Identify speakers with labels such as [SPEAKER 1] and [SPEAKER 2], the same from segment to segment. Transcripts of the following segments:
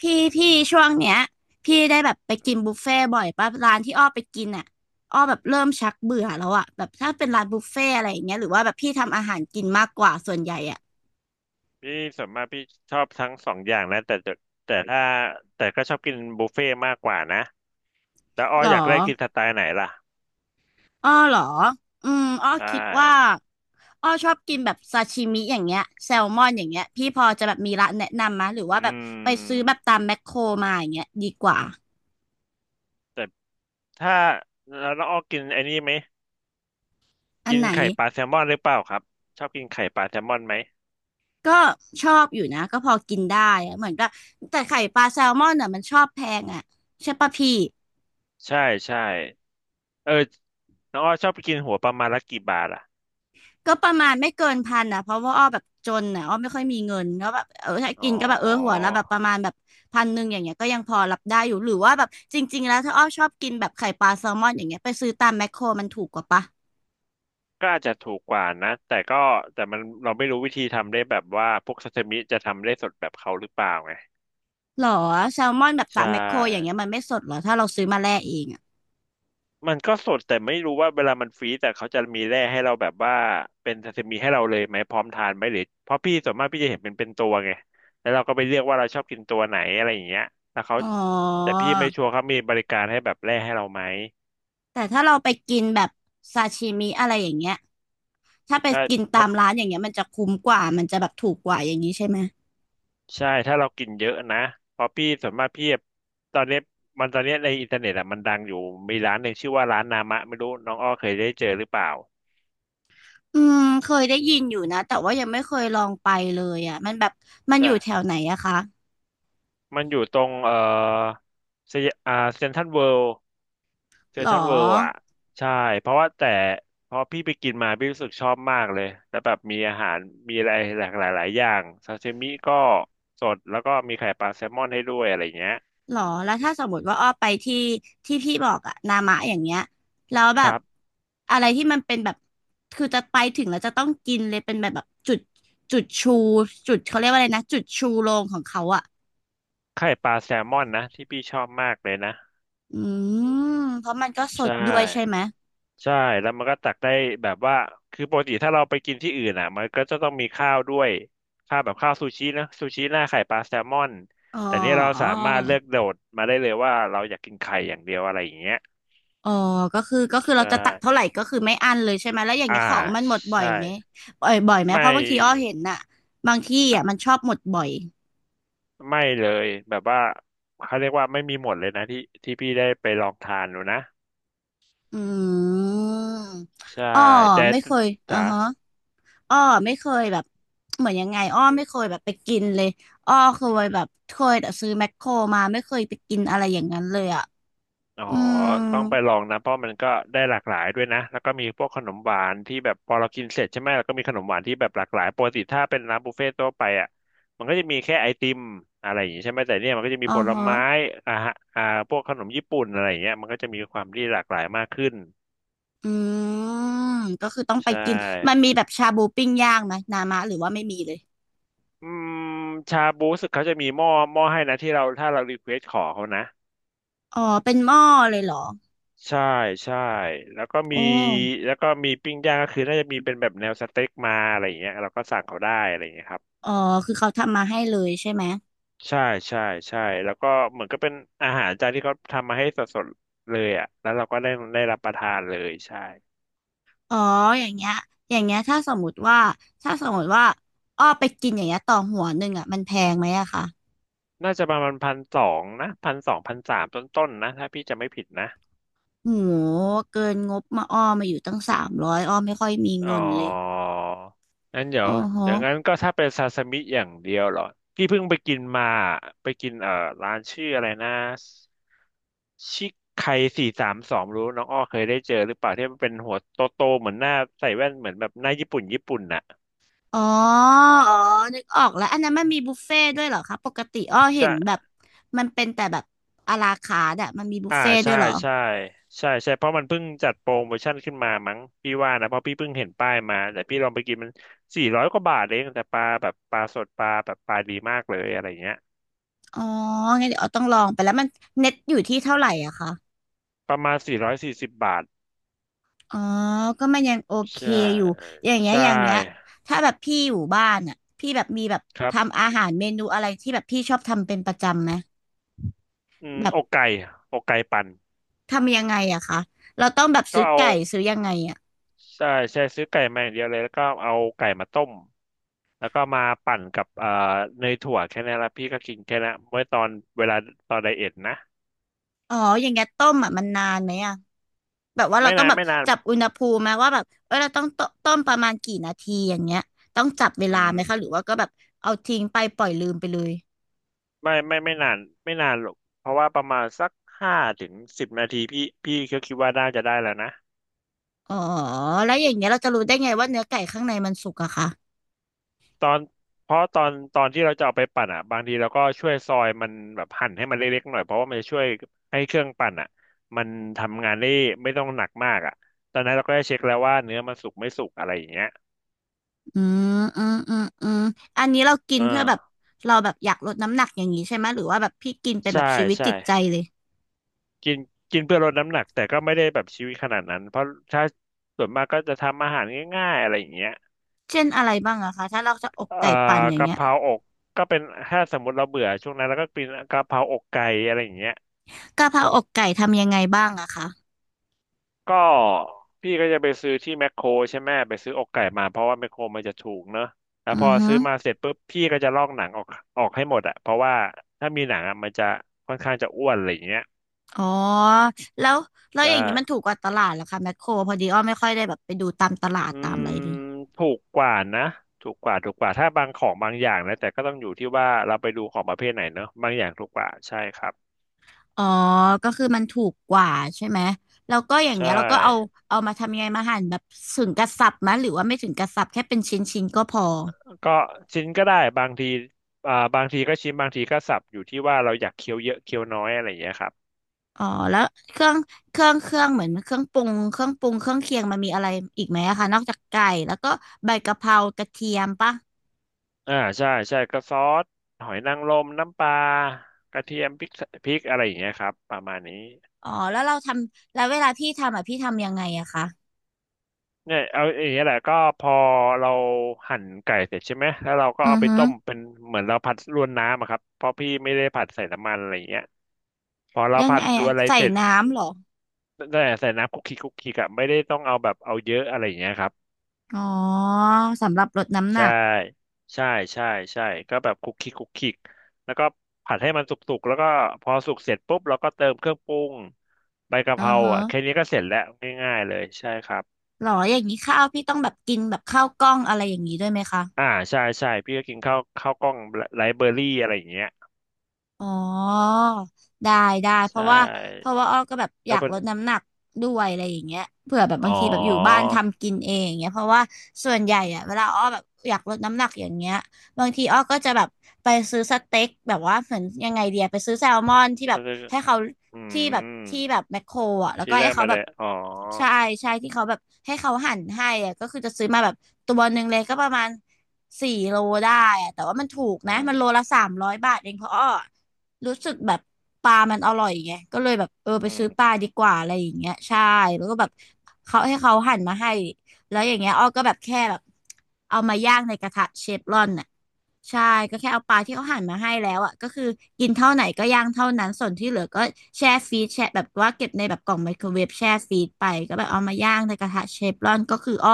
[SPEAKER 1] พี่พี่ช่วงเนี้ยพี่ได้แบบไปกินบุฟเฟ่บ่อยป่ะร้านที่อ้อไปกินอ่ะอ้อแบบเริ่มชักเบื่อแล้วอ่ะแบบถ้าเป็นร้านบุฟเฟ่อะไรอย่างเงี้ยหรือว่าแบบพี่ทำอาหารกินมากกว่าส่วนใหญ่อ่ะ
[SPEAKER 2] พี่ส่วนมากพี่ชอบทั้งสองอย่างนะแต่จะแต่ถ้าแต่ก็ชอบกินบุฟเฟ่ต์มากกว่านะแต่อ้อ
[SPEAKER 1] หรอ
[SPEAKER 2] อยากได้กินสไตล์ไหนล่ะ
[SPEAKER 1] อ้อหรออ้อ
[SPEAKER 2] ใช่
[SPEAKER 1] คิดว่าอ้อชอบกินแบบซาชิมิอย่างเงี้ยแซลมอนอย่างเงี้ยพี่พอจะแบบมีร้านแนะนำมะหรือว่าแบ
[SPEAKER 2] อื
[SPEAKER 1] บไปซื้อแบ
[SPEAKER 2] ม
[SPEAKER 1] บตามแมคโครมาอย่างเงี้ยดีกว่า
[SPEAKER 2] แต่ถ้าแล้วน้องอ้อกินไอ้นี่ไหม
[SPEAKER 1] อัน
[SPEAKER 2] กิน
[SPEAKER 1] ไหน
[SPEAKER 2] ไข่ปลาแซลมอนหรือเปล่าครับชอบกินไข่ปลาแซลมอนไหม
[SPEAKER 1] ก็ชอบอยู่นะก็พอกินได้อะเหมือนก็แต่ไข่ปลาแซลมอนอ่ะมันชอบแพงอ่ะใช่ปะพี่
[SPEAKER 2] ใช่ใช่เออน้องอ้อชอบไปกินหัวประมาณละกี่บาทอ่ะ
[SPEAKER 1] ก็ประมาณไม่เกินพันอ่ะเพราะว่าอ้อแบบจนอ่ะอ้อไม่ค่อยมีเงินแล้วแบบเออถ้ากิ
[SPEAKER 2] อ๋
[SPEAKER 1] น
[SPEAKER 2] อ
[SPEAKER 1] ก็แบบเออหัวละแบบประมาณแบบพันหนึ่งอย่างเงี้ยก็ยังพอรับได้อยู่หรือว่าแบบจริงๆแล้วถ้าอ้อชอบกินแบบไข่ปลาแซลมอนอย่างเงี้ยไปซื้อตามแมคโครมันถูกกว่าปะ
[SPEAKER 2] ก็อาจจะถูกกว่านะแต่มันเราไม่รู้วิธีทำได้แบบว่าพวกซาซิมิจะทำได้สดแบบเขาหรือเปล่าไง
[SPEAKER 1] หรอแซลมอนแบบ
[SPEAKER 2] ใช
[SPEAKER 1] ตามแมคโครอย่างเงี้ย
[SPEAKER 2] ่
[SPEAKER 1] มันไม่สดหรอถ้าเราซื้อมาแล่เองอ่ะ
[SPEAKER 2] มันก็สดแต่ไม่รู้ว่าเวลามันฟรีซแต่เขาจะมีแร่ให้เราแบบว่าเป็นซาซิมิให้เราเลยไหมพร้อมทานไหมหรือเพราะพี่ส่วนมากพี่จะเห็นเป็นตัวไงแล้วเราก็ไปเลือกว่าเราชอบกินตัวไหนอะไรอย่างเงี้ยแล้วเขา
[SPEAKER 1] อ๋อ
[SPEAKER 2] แต่พี่ไม่ชัวร์เขามีบริการให้แบบแร่ให้เราไหม
[SPEAKER 1] แต่ถ้าเราไปกินแบบซาชิมิอะไรอย่างเงี้ย ถ้าไป
[SPEAKER 2] ใช่
[SPEAKER 1] กิน
[SPEAKER 2] เพ
[SPEAKER 1] ตา
[SPEAKER 2] ราะ
[SPEAKER 1] มร้านอย่างเงี้ยมันจะคุ้มกว่ามันจะแบบถูกกว่าอย่างนี้ใช่ไหม
[SPEAKER 2] ใช่ถ้าเรากินเยอะนะเพราะพี่ส่วนมากพี่ตอนเนี้ยตอนเนี้ยในอินเทอร์เน็ตอะมันดังอยู่มีร้านหนึ่งชื่อว่าร้านนามะไม่รู้น้องอ้อเคยได้เจอหรือเปล่า
[SPEAKER 1] อืมเคยได้ยินอยู่นะแต่ว่ายังไม่เคยลองไปเลยอ่ะมันแบบมันอ
[SPEAKER 2] ใช่
[SPEAKER 1] ยู่แถวไหนอะคะ
[SPEAKER 2] มันอยู่ตรงเอ่อเซอ่าเซ็นทรัลเวิลด์ เซ
[SPEAKER 1] หร
[SPEAKER 2] น
[SPEAKER 1] อ
[SPEAKER 2] ทรัลเวิลด์อ่ะใช่เพราะว่าแต่พอพี่ไปกินมาพี่รู้สึกชอบมากเลยแล้วแบบมีอาหารมีอะไรหลากหลายหลายอย่างซาชิมิก็สดแล้วก็มีไข่ปลาแซลมอนให้ด้วยอะไรเงี้ย
[SPEAKER 1] หรอแล้วถ้าสมมติว่าอ้อไปที่ที่พี่บอกอะนามะอย่างเงี้ยแล้ว
[SPEAKER 2] ค
[SPEAKER 1] แบบ
[SPEAKER 2] รับ
[SPEAKER 1] อะไรที่มันเป็นแบบคือจะไปถึงแล้วจะต้องกินเลยเป็นแบบแบบจุดจุดชูจุดเขาเรียกว่าอะไรนะจุดชูโรงของเขาอะ
[SPEAKER 2] ไข่ปลาแซลมอนนะที่พี่ชอบมากเลยนะ
[SPEAKER 1] อืเพราะมันก็ส
[SPEAKER 2] ใช่
[SPEAKER 1] ดด้วยใช่ไหม
[SPEAKER 2] ใช่แล้วมันก็ตักได้แบบว่าคือปกติถ้าเราไปกินที่อื่นอ่ะมันก็จะต้องมีข้าวด้วยข้าวแบบข้าวซูชินะซูชิหน้าไข่ปลาแซลมอน
[SPEAKER 1] อ๋
[SPEAKER 2] แต่เนี่ยเราสา
[SPEAKER 1] อ
[SPEAKER 2] มารถเลือกโดดมาได้เลยว่าเราอยากกินไข่อย่างเดียวอะไรอย่างเงี้ย
[SPEAKER 1] อ๋อก็คือก็คือ
[SPEAKER 2] ใช
[SPEAKER 1] เราจะตัดเท่า
[SPEAKER 2] ่
[SPEAKER 1] ไหร่ก็คือไม่อั้นเลยใช่ไหมแล้วอย่าง
[SPEAKER 2] อ่า
[SPEAKER 1] เงี้ยของมันหมดบ่อย
[SPEAKER 2] ใช่
[SPEAKER 1] ไหมบ่อยบ่อยไหม
[SPEAKER 2] ไม่
[SPEAKER 1] เพราะบางทีอ้อเห็นน่ะบางที่อ่ะมันชอบหมดบ่อย
[SPEAKER 2] ไม่เลยแบบว่าเขาเรียกว่าไม่มีหมดเลยนะที่พี่ได้ไปลองทานดูนะ
[SPEAKER 1] อืม
[SPEAKER 2] ใช่
[SPEAKER 1] อ้อ
[SPEAKER 2] แต่
[SPEAKER 1] ไม่เคยอ่า
[SPEAKER 2] จ๋า
[SPEAKER 1] ฮะอ้อไม่เคยแบบเหมือนยังไงอ้อไม่เคยแบบไปกินเลยอ้อเคยแบบเคยแต่ซื้อแมคโครมาไม่เคยไปกินอะไรอย่างนั้นเลยอ่ะ
[SPEAKER 2] อ๋อ
[SPEAKER 1] อืม
[SPEAKER 2] ต้องไปลองนะเพราะมันก็ได้หลากหลายด้วยนะแล้วก็มีพวกขนมหวานที่แบบพอเรากินเสร็จใช่ไหมแล้วก็มีขนมหวานที่แบบหลากหลายปกติถ้าเป็นร้านบุฟเฟ่ต์ทั่วไปอ่ะมันก็จะมีแค่ไอติมอะไรอย่างงี้ใช่ไหมแต่เนี่ยมันก็จะมี
[SPEAKER 1] อ๋อ
[SPEAKER 2] ผล
[SPEAKER 1] ฮะ
[SPEAKER 2] ไม้อ่าฮะอ่าพวกขนมญี่ปุ่นอะไรอย่างเงี้ยมันก็จะมีความที่หลากหลายมากขึ้น
[SPEAKER 1] อืมก็คือต้องไป
[SPEAKER 2] ใช่
[SPEAKER 1] กินมันมีแบบชาบูปิ้งย่างไหมนามะหรือว่าไม่มีเลย
[SPEAKER 2] อืมชาบูรู้สึกเขาจะมีหม้อให้นะที่เราถ้าเรารีเควสขอเขานะ
[SPEAKER 1] อ๋อเป็นหม้อเลยเหรอ
[SPEAKER 2] ใช่ใช่แล้วก็
[SPEAKER 1] โอ
[SPEAKER 2] มี
[SPEAKER 1] ้
[SPEAKER 2] แล้วก็มีปิ้งย่างก็คือน่าจะมีเป็นแบบแนวสเต็กมาอะไรอย่างเงี้ยเราก็สั่งเขาได้อะไรอย่างเงี้ยครับ
[SPEAKER 1] อ๋อ คือเขาทำมาให้เลยใช่ไหม
[SPEAKER 2] ใช่ใช่ใช่แล้วก็เหมือนก็เป็นอาหารจานที่เขาทำมาให้สดๆเลยอ่ะแล้วเราก็ได้รับประทานเลยใช่
[SPEAKER 1] อ๋ออย่างเงี้ยอย่างเงี้ยถ้าสมมติว่า ถ้าสมมติว่าอ้อไปกินอย่างเงี้ยต่อหัวหนึ่งอ่ะมันแพงไหมอะคะ
[SPEAKER 2] น่าจะประมาณพันสองนะพันสอง1,300ต้นๆนะถ้าพี่จะไม่ผิดนะ
[SPEAKER 1] โหเกินงบมาอ้อมาอยู่ตั้งสามร้อยอ้อไม่ค่อยมี
[SPEAKER 2] อ๋อ
[SPEAKER 1] เงินเลย
[SPEAKER 2] งั้นเดี๋ย
[SPEAKER 1] อ๋อ
[SPEAKER 2] ว
[SPEAKER 1] ฮะ
[SPEAKER 2] อย่างนั้นก็ถ้าเป็นซาซิมิอย่างเดียวเหรอพี่เพิ่งไปกินมา ไปกินร้านชื่ออะไรนะชิคไคสี่สามสองรู้น้องอ้อเคยได้เจอหรือเปล่าที่มันเป็นหัวโตโตเหมือนหน้าใส่แว่นเหมือนแบบหน้าญี่ปุ่นน่ะ
[SPEAKER 1] อ๋อ อ๋อนึกออกแล้วอันนั้นมันมีบุฟเฟ่ต์ด้วยเหรอคะปกติอ้อเห็นแบ
[SPEAKER 2] ใช่
[SPEAKER 1] บมันเป็นแต่แบบอะลาคาร์ทอะมันมีบุฟ
[SPEAKER 2] อ่า
[SPEAKER 1] เฟ่ต์ด้ว
[SPEAKER 2] ใช่
[SPEAKER 1] ยเหรอ
[SPEAKER 2] ใช่ใช่ ใช่เพราะมันเพิ่งจัดโปรโมชั่นขึ้นมามั้ง พี่ว่านะเพราะพี่เพิ่งเห็นป้ายมาแต่พี่ลองไปกินมันสี่ร้อยกว่าบาทเองแต่ปลาแบบปลาสดปลาแบบปลาดีมากเลยอะไรเงี้ย
[SPEAKER 1] อ๋องั้นเดี๋ยวอ้อต้องลองไปแล้วมันเน็ตอยู่ที่เท่าไหร่อะคะ
[SPEAKER 2] ประมาณ440 บาท
[SPEAKER 1] อ๋อก็มันยังโอเค
[SPEAKER 2] ใช่
[SPEAKER 1] อยู่ อย่างเงี้ย
[SPEAKER 2] ใช
[SPEAKER 1] อย่างเงี้ย
[SPEAKER 2] ่
[SPEAKER 1] ถ้าแบบพี่อยู่บ้านอ่ะพี่แบบมีแบบ
[SPEAKER 2] ครับ
[SPEAKER 1] ทำอาหารเมนูอะไรที่แบบพี่ชอบทำเป็นประจำไหม
[SPEAKER 2] อืม
[SPEAKER 1] แบบ
[SPEAKER 2] อกไก่อกไก่ปั่น
[SPEAKER 1] ทำยังไงอะคะเราต้องแบบ
[SPEAKER 2] ก็
[SPEAKER 1] ซื้อ
[SPEAKER 2] เอา
[SPEAKER 1] ไก่ซื้อยังไงอะ
[SPEAKER 2] ใช่ใช่ซื้อไก่มาอย่างเดียวเลยแล้วก็เอาไก่มาต้มแล้วก็มาปั่นกับเนยถั่วแค่นั้นละพี่ก็กินแค่นั้นเมื่อตอนเวลาตอนไดเอทนะ
[SPEAKER 1] อ๋ออย่างเงี้ยต้มอะมันนานไหมอะแบบว่าเรา
[SPEAKER 2] ไม่
[SPEAKER 1] ต้อง
[SPEAKER 2] นาน
[SPEAKER 1] แบบ
[SPEAKER 2] ไม่นาน
[SPEAKER 1] จับอุณหภูมิไหมว่าแบบเออเราต้องต้ประมาณกี่นาทีอย่างเงี้ยต้องจับเว
[SPEAKER 2] อื
[SPEAKER 1] ลาไหม
[SPEAKER 2] ม
[SPEAKER 1] คะหรือว่าก็แบบเอาทิ้งไปปล่อยลืมไปเลย
[SPEAKER 2] ไม่นานไม่นานหรอกเพราะว่าประมาณสัก5ถึง10 นาทีพี่ก็คิดว่าน่าจะได้แล้วนะ
[SPEAKER 1] อ๋อแล้วอย่างเงี้ยเราจะรู้ได้ไงว่าเนื้อไก่ข้างในมันสุกอะคะ
[SPEAKER 2] ตอนเพราะตอนที่เราจะเอาไปปั่นอ่ะบางทีเราก็ช่วยซอยมันแบบหั่นให้มันเล็กๆหน่อยเพราะว่ามันจะช่วยให้เครื่องปั่นอ่ะมันทำงานได้ไม่ต้องหนักมากอ่ะตอนนั้นเราก็ได้เช็คแล้วว่าเนื้อมันสุกไม่สุกอะไรอย่างเงี้ย
[SPEAKER 1] อือืมอันนี้เรากิน
[SPEAKER 2] อ่
[SPEAKER 1] เพื่อแบบ
[SPEAKER 2] า
[SPEAKER 1] เราแบบอยากลดน้ำหนักอย่างนี้ใช่ไหมหรือว่าแบบพี่กินเป็นแบ
[SPEAKER 2] ใช่
[SPEAKER 1] บชีวิต
[SPEAKER 2] ใช่
[SPEAKER 1] จิตใจเลย
[SPEAKER 2] กินกินเพื่อลดน้ำหนักแต่ก็ไม่ได้แบบชีวิตขนาดนั้นเพราะถ้าส่วนมากก็จะทำอาหารง่ายๆอะไรอย่างเงี้ย
[SPEAKER 1] เช่นอะไรบ้างอะคะถ้าเราจะอก
[SPEAKER 2] เอ่อ
[SPEAKER 1] ไก่ปั่นอย่าง
[SPEAKER 2] กะ
[SPEAKER 1] เงี้ย
[SPEAKER 2] เพราอกก็เป็นถ้าสมมติเราเบื่อช่วงนั้นเราก็กินกะเพราอกไก่อะไรอย่างเงี้ย
[SPEAKER 1] กะเพราอกไก่ทำยังไงบ้างอะคะ
[SPEAKER 2] ก็พี่ก็จะไปซื้อที่แมคโครใช่ไหมไปซื้ออกไก่มาเพราะว่าแมคโครมันจะถูกเนอะแล้ว
[SPEAKER 1] อื
[SPEAKER 2] พ
[SPEAKER 1] อ
[SPEAKER 2] อ
[SPEAKER 1] ฮึ
[SPEAKER 2] ซื้อมาเสร็จปุ๊บพี่ก็จะลอกหนังออกออกให้หมดอะเพราะว่าถ้ามีหนังอะมันจะค่อนข้างจะอ้วนอะไรอย่างเงี้ย
[SPEAKER 1] อ๋อแล้วแล้ว
[SPEAKER 2] ใช่
[SPEAKER 1] อย่างนี้มันถูกกว่าตลาดเหรอคะแมคโครพอดีอ้อไม่ค่อยได้แบบไปดูตามตลาด
[SPEAKER 2] อื
[SPEAKER 1] ตามอะ
[SPEAKER 2] ม
[SPEAKER 1] ไรเลย
[SPEAKER 2] ถูกกว่านะถูกกว่าถูกกว่าถ้าบางของบางอย่างนะแต่ก็ต้องอยู่ที่ว่าเราไปดูของประเภทไหนเนอะบางอย่างถูกกว่าใช่ครับ
[SPEAKER 1] อ๋อก็คือมันถูกกว่าใช่ไหมแล้วก็อย่าง
[SPEAKER 2] ใช่
[SPEAKER 1] เงี้ยเราก็เอาเอามาทำยังไงมาหั่นแบบถึงกระสับไหมหรือว่าไม่ถึงกระสับแค่เป็นชิ้นๆก็พอ
[SPEAKER 2] ก็ชิ้นก็ได้บางทีบางทีก็ชิ้นบางทีก็สับอยู่ที่ว่าเราอยากเคี้ยวเยอะเคี้ยวน้อยอะไรอย่างเงี้ยครับ
[SPEAKER 1] อ๋อแล้วเครื่องเครื่องเหมือนเครื่องปรุงเครื่องเคียงมันมีอะไรอีกไหมอะคะนอกจากไก่แล้วก็ใบกะเพรากระเทียมปะ
[SPEAKER 2] ใช่ใช่ก็ซอสหอยนางรมน้ำปลากระเทียมพริกพริกอะไรอย่างเงี้ยครับประมาณนี้
[SPEAKER 1] อ๋อแล้วเราทำแล้วเวลาพี่ทำอ่ะพี่ทำยังไงอะคะ
[SPEAKER 2] เนี่ยเอาอย่างเงี้ยแหละก็พอเราหั่นไก่เสร็จใช่ไหมแล้วเราก็
[SPEAKER 1] อื
[SPEAKER 2] เอา
[SPEAKER 1] อ
[SPEAKER 2] ไป
[SPEAKER 1] ฮึ
[SPEAKER 2] ต้มเป็นเหมือนเราผัดรวนน้ำอะครับเพราะพี่ไม่ได้ผัดใส่น้ำมันอะไรอย่างเงี้ยพอเรา
[SPEAKER 1] ยัง
[SPEAKER 2] ผั
[SPEAKER 1] ไง
[SPEAKER 2] ดรว
[SPEAKER 1] อะ
[SPEAKER 2] นอะไร
[SPEAKER 1] ใส่
[SPEAKER 2] เสร็จ
[SPEAKER 1] น้ำเหรอ
[SPEAKER 2] แต่ใส่น้ำคุกคิกคุกคิกอะไม่ได้ต้องเอาแบบเอาเยอะอะไรอย่างเงี้ยครับ
[SPEAKER 1] อ๋อสำหรับลดน้ำห
[SPEAKER 2] ใช่
[SPEAKER 1] นัก
[SPEAKER 2] ใช่ใช่ใช่ก็แบบคลุกคลิกคลุกคลิกแล้วก็ผัดให้มันสุกๆแล้วก็พอสุกเสร็จปุ๊บเราก็เติมเครื่องปรุงใบกะ
[SPEAKER 1] อื
[SPEAKER 2] เพ
[SPEAKER 1] อ
[SPEAKER 2] รา
[SPEAKER 1] ฮะ
[SPEAKER 2] อ่ะแค่นี้ก็เสร็จแล้วง่ายๆเลยใช่ครับ
[SPEAKER 1] หรออย่างนี้ข้าวพี่ต้องแบบกินแบบข้าวกล้องอะไรอย่างนี้ด้วยไหมคะ
[SPEAKER 2] อ่าใช่ใช่พี่ก็กินข้าวข้าวกล้องไลฟ์เบอรี่อะไรอย่างเงี้ย
[SPEAKER 1] อ๋อได้ได้เพ
[SPEAKER 2] ใช่
[SPEAKER 1] ราะว่าอ้อก็แบบอ
[SPEAKER 2] แล้
[SPEAKER 1] ยา
[SPEAKER 2] ว
[SPEAKER 1] ก
[SPEAKER 2] เป็น
[SPEAKER 1] ลดน้ำหนักด้วยอะไรอย่างเงี้ยเผื่อแบบบา
[SPEAKER 2] อ๋อ
[SPEAKER 1] งทีแบบอยู่บ้านทำกินเองอย่างเงี้ยเพราะว่าส่วนใหญ่อะเวลาอ้อแบบอยากลดน้ำหนักอย่างเงี้ยบางทีอ้อก็จะแบบไปซื้อสเต็กแบบว่าเหมือนยังไงเดียไปซื้อแซลมอนที่แบ
[SPEAKER 2] ต้อ
[SPEAKER 1] บ
[SPEAKER 2] งเรียก
[SPEAKER 1] ให้เขา
[SPEAKER 2] อื
[SPEAKER 1] ที่แบบ
[SPEAKER 2] ม
[SPEAKER 1] แมคโครอะแล้ว
[SPEAKER 2] ที่
[SPEAKER 1] ก็
[SPEAKER 2] แร
[SPEAKER 1] ให้
[SPEAKER 2] ก
[SPEAKER 1] เขา
[SPEAKER 2] มา
[SPEAKER 1] แบ
[SPEAKER 2] เล
[SPEAKER 1] บ
[SPEAKER 2] ยอ๋อ
[SPEAKER 1] ใช่ใช่ที่เขาแบบให้เขาหั่นให้อะก็คือจะซื้อมาแบบตัวหนึ่งเลยก็ประมาณสี่โลได้อะแต่ว่ามันถูก
[SPEAKER 2] อื
[SPEAKER 1] นะ
[SPEAKER 2] ม
[SPEAKER 1] มันโลละ300 บาทเองเพราะอ้อ รู้สึกแบบปลามันอร่อยไงก็เลยแบบเออไป
[SPEAKER 2] อื
[SPEAKER 1] ซื้
[SPEAKER 2] ม
[SPEAKER 1] อปลาดีกว่าอะไรอย่างเงี้ยใช่แล้วก็แบบเขาให้เขาหั่นมาให้แล้วอย่างเงี้ยอ้อก็แบบแค่แบบเอามาย่างในกระทะเชฟรอนน่ะใช่ก็แค่เอาปลาที่เขาหั่นมาให้แล้วอ่ะก็คือกินเท่าไหนก็ย่างเท่านั้นส่วนที่เหลือก็แช่ฟรีซแช่แบบว่าเก็บในแบบกล่องไมโครเวฟแช่ฟรีซไปก็แบบเอามาย่างในกระทะเชฟรอนก็คืออ้อ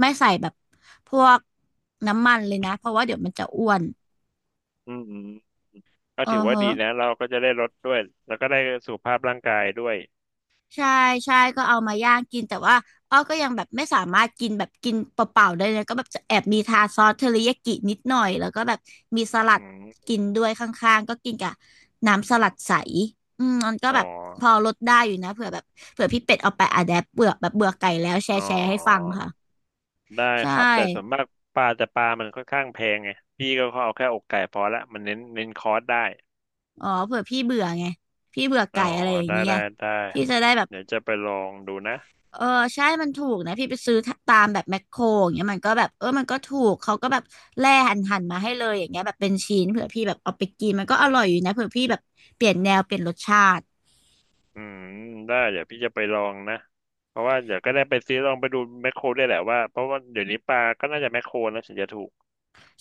[SPEAKER 1] ไม่ใส่แบบพวกน้ำมันเลยนะเพราะว่าเดี๋ยวมันจะอ้วน
[SPEAKER 2] อืมอืมก็
[SPEAKER 1] เออ
[SPEAKER 2] ถือว่า
[SPEAKER 1] เฮะ
[SPEAKER 2] ดีนะเราก็จะได้ลดด้วยแล้วก็ได้สุขภาพร่างกายด้วย
[SPEAKER 1] ใช่ใช่ก็เอามาย่างกินแต่ว่าอ้อก็ยังแบบไม่สามารถกินแบบกินเปล่าๆได้เลยก็แบบจะแอบมีทาซอสเทอริยากินิดหน่อยแล้วก็แบบมีสลั
[SPEAKER 2] อื
[SPEAKER 1] ด
[SPEAKER 2] ม
[SPEAKER 1] กินด้วยข้างๆก็กินกับน้ำสลัดใสอืมมันก็
[SPEAKER 2] อ๋อ
[SPEAKER 1] แบบพอลดได้อยู่นะเผื่อแบบเผื่อพี่เป็ดเอาไปอะแดปเบื่อแบบเบื่อไก่แล้วแช
[SPEAKER 2] อ๋
[SPEAKER 1] ร์
[SPEAKER 2] อ
[SPEAKER 1] แชร์ให้ฟังค่ะ
[SPEAKER 2] ได้
[SPEAKER 1] ใช
[SPEAKER 2] ครับแต่ส่วน
[SPEAKER 1] ่
[SPEAKER 2] มากปลาแต่ปลามันค่อนข้างแพงไงพี่ก็เอาแค่อกไก่พอละมันเน้นคอร์สได้
[SPEAKER 1] อ๋อเผื่อพี่เบื่อไงพี่เบื่อ
[SPEAKER 2] อ๋อ
[SPEAKER 1] ไก่อะไรอย่าง
[SPEAKER 2] ได้
[SPEAKER 1] เงี้ย
[SPEAKER 2] ได้ได้
[SPEAKER 1] พี่จะได้แบบ
[SPEAKER 2] เดี๋ยวจะไปลองดูนะ
[SPEAKER 1] เออใช่มันถูกนะพี่ไปซื้อตามแบบแมคโครอย่างเงี้ยมันก็แบบเออมันก็ถูกเขาก็แบบแล่หั่นมาให้เลยอย่างเงี้ยแบบเป็นชิ้นเผื่อพี่แบบเอาไปกินมันก็อร่อยอยู่นะเผื่อพี่แบบเปลี่ยนแนวเปลี่ยนรสชาติ
[SPEAKER 2] อืมได้เดี๋ยวพี่จะไปลองนะเพราะว่าเดี๋ยวก็ได้ไปซื้อลองไปดูแมคโครได้วยแหละว่าเพราะว่าเดี๋ยวนี้ปลาก็น่าจะแมคโครนะถึงจะถูก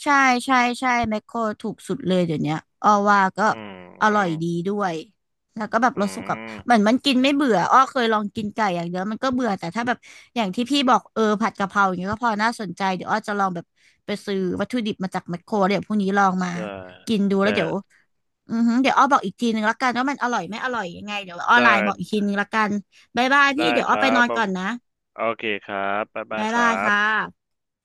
[SPEAKER 1] ใช่ใช่ใช่แมคโครถูกสุดเลยเดี๋ยวเนี้ยอ้อว่าก็
[SPEAKER 2] อืม
[SPEAKER 1] อ
[SPEAKER 2] อื
[SPEAKER 1] ร่อย
[SPEAKER 2] ม
[SPEAKER 1] ดีด้วยแล้วก็แบบ
[SPEAKER 2] อื
[SPEAKER 1] รสสุกับเหมือน
[SPEAKER 2] ม
[SPEAKER 1] มันกินไม่เบื่ออ้อเคยลองกินไก่อย่างเดียวมันก็เบื่อแต่ถ้าแบบอย่างที่พี่บอกเออผัดกะเพราอย่างเงี้ยก็พอน่าสนใจเดี๋ยวอ้อจะลองแบบไปซื้อวัตถุดิบมาจากแมคโครเดี๋ยวพรุ่งนี้ลองมา
[SPEAKER 2] ใช่
[SPEAKER 1] กินดูแล้
[SPEAKER 2] แต่
[SPEAKER 1] วเดี๋ยว อือหือเดี๋ยวอ้อบอกอีกทีนึงละกันว่ามันอร่อยไม่อร่อยยังไงเดี๋ยวอ้อไล
[SPEAKER 2] ได้
[SPEAKER 1] น์บอกอีกทีนึงละกันบ๊ายบาย
[SPEAKER 2] ได้
[SPEAKER 1] พี่เดี๋ยว
[SPEAKER 2] ค
[SPEAKER 1] อ้อ
[SPEAKER 2] รั
[SPEAKER 1] ไปน
[SPEAKER 2] บ
[SPEAKER 1] อนก่อนนะ
[SPEAKER 2] โอเคครับบ๊ายบา
[SPEAKER 1] บ๊า
[SPEAKER 2] ย
[SPEAKER 1] ย
[SPEAKER 2] ค
[SPEAKER 1] บา
[SPEAKER 2] รั
[SPEAKER 1] ยค่ะ
[SPEAKER 2] บ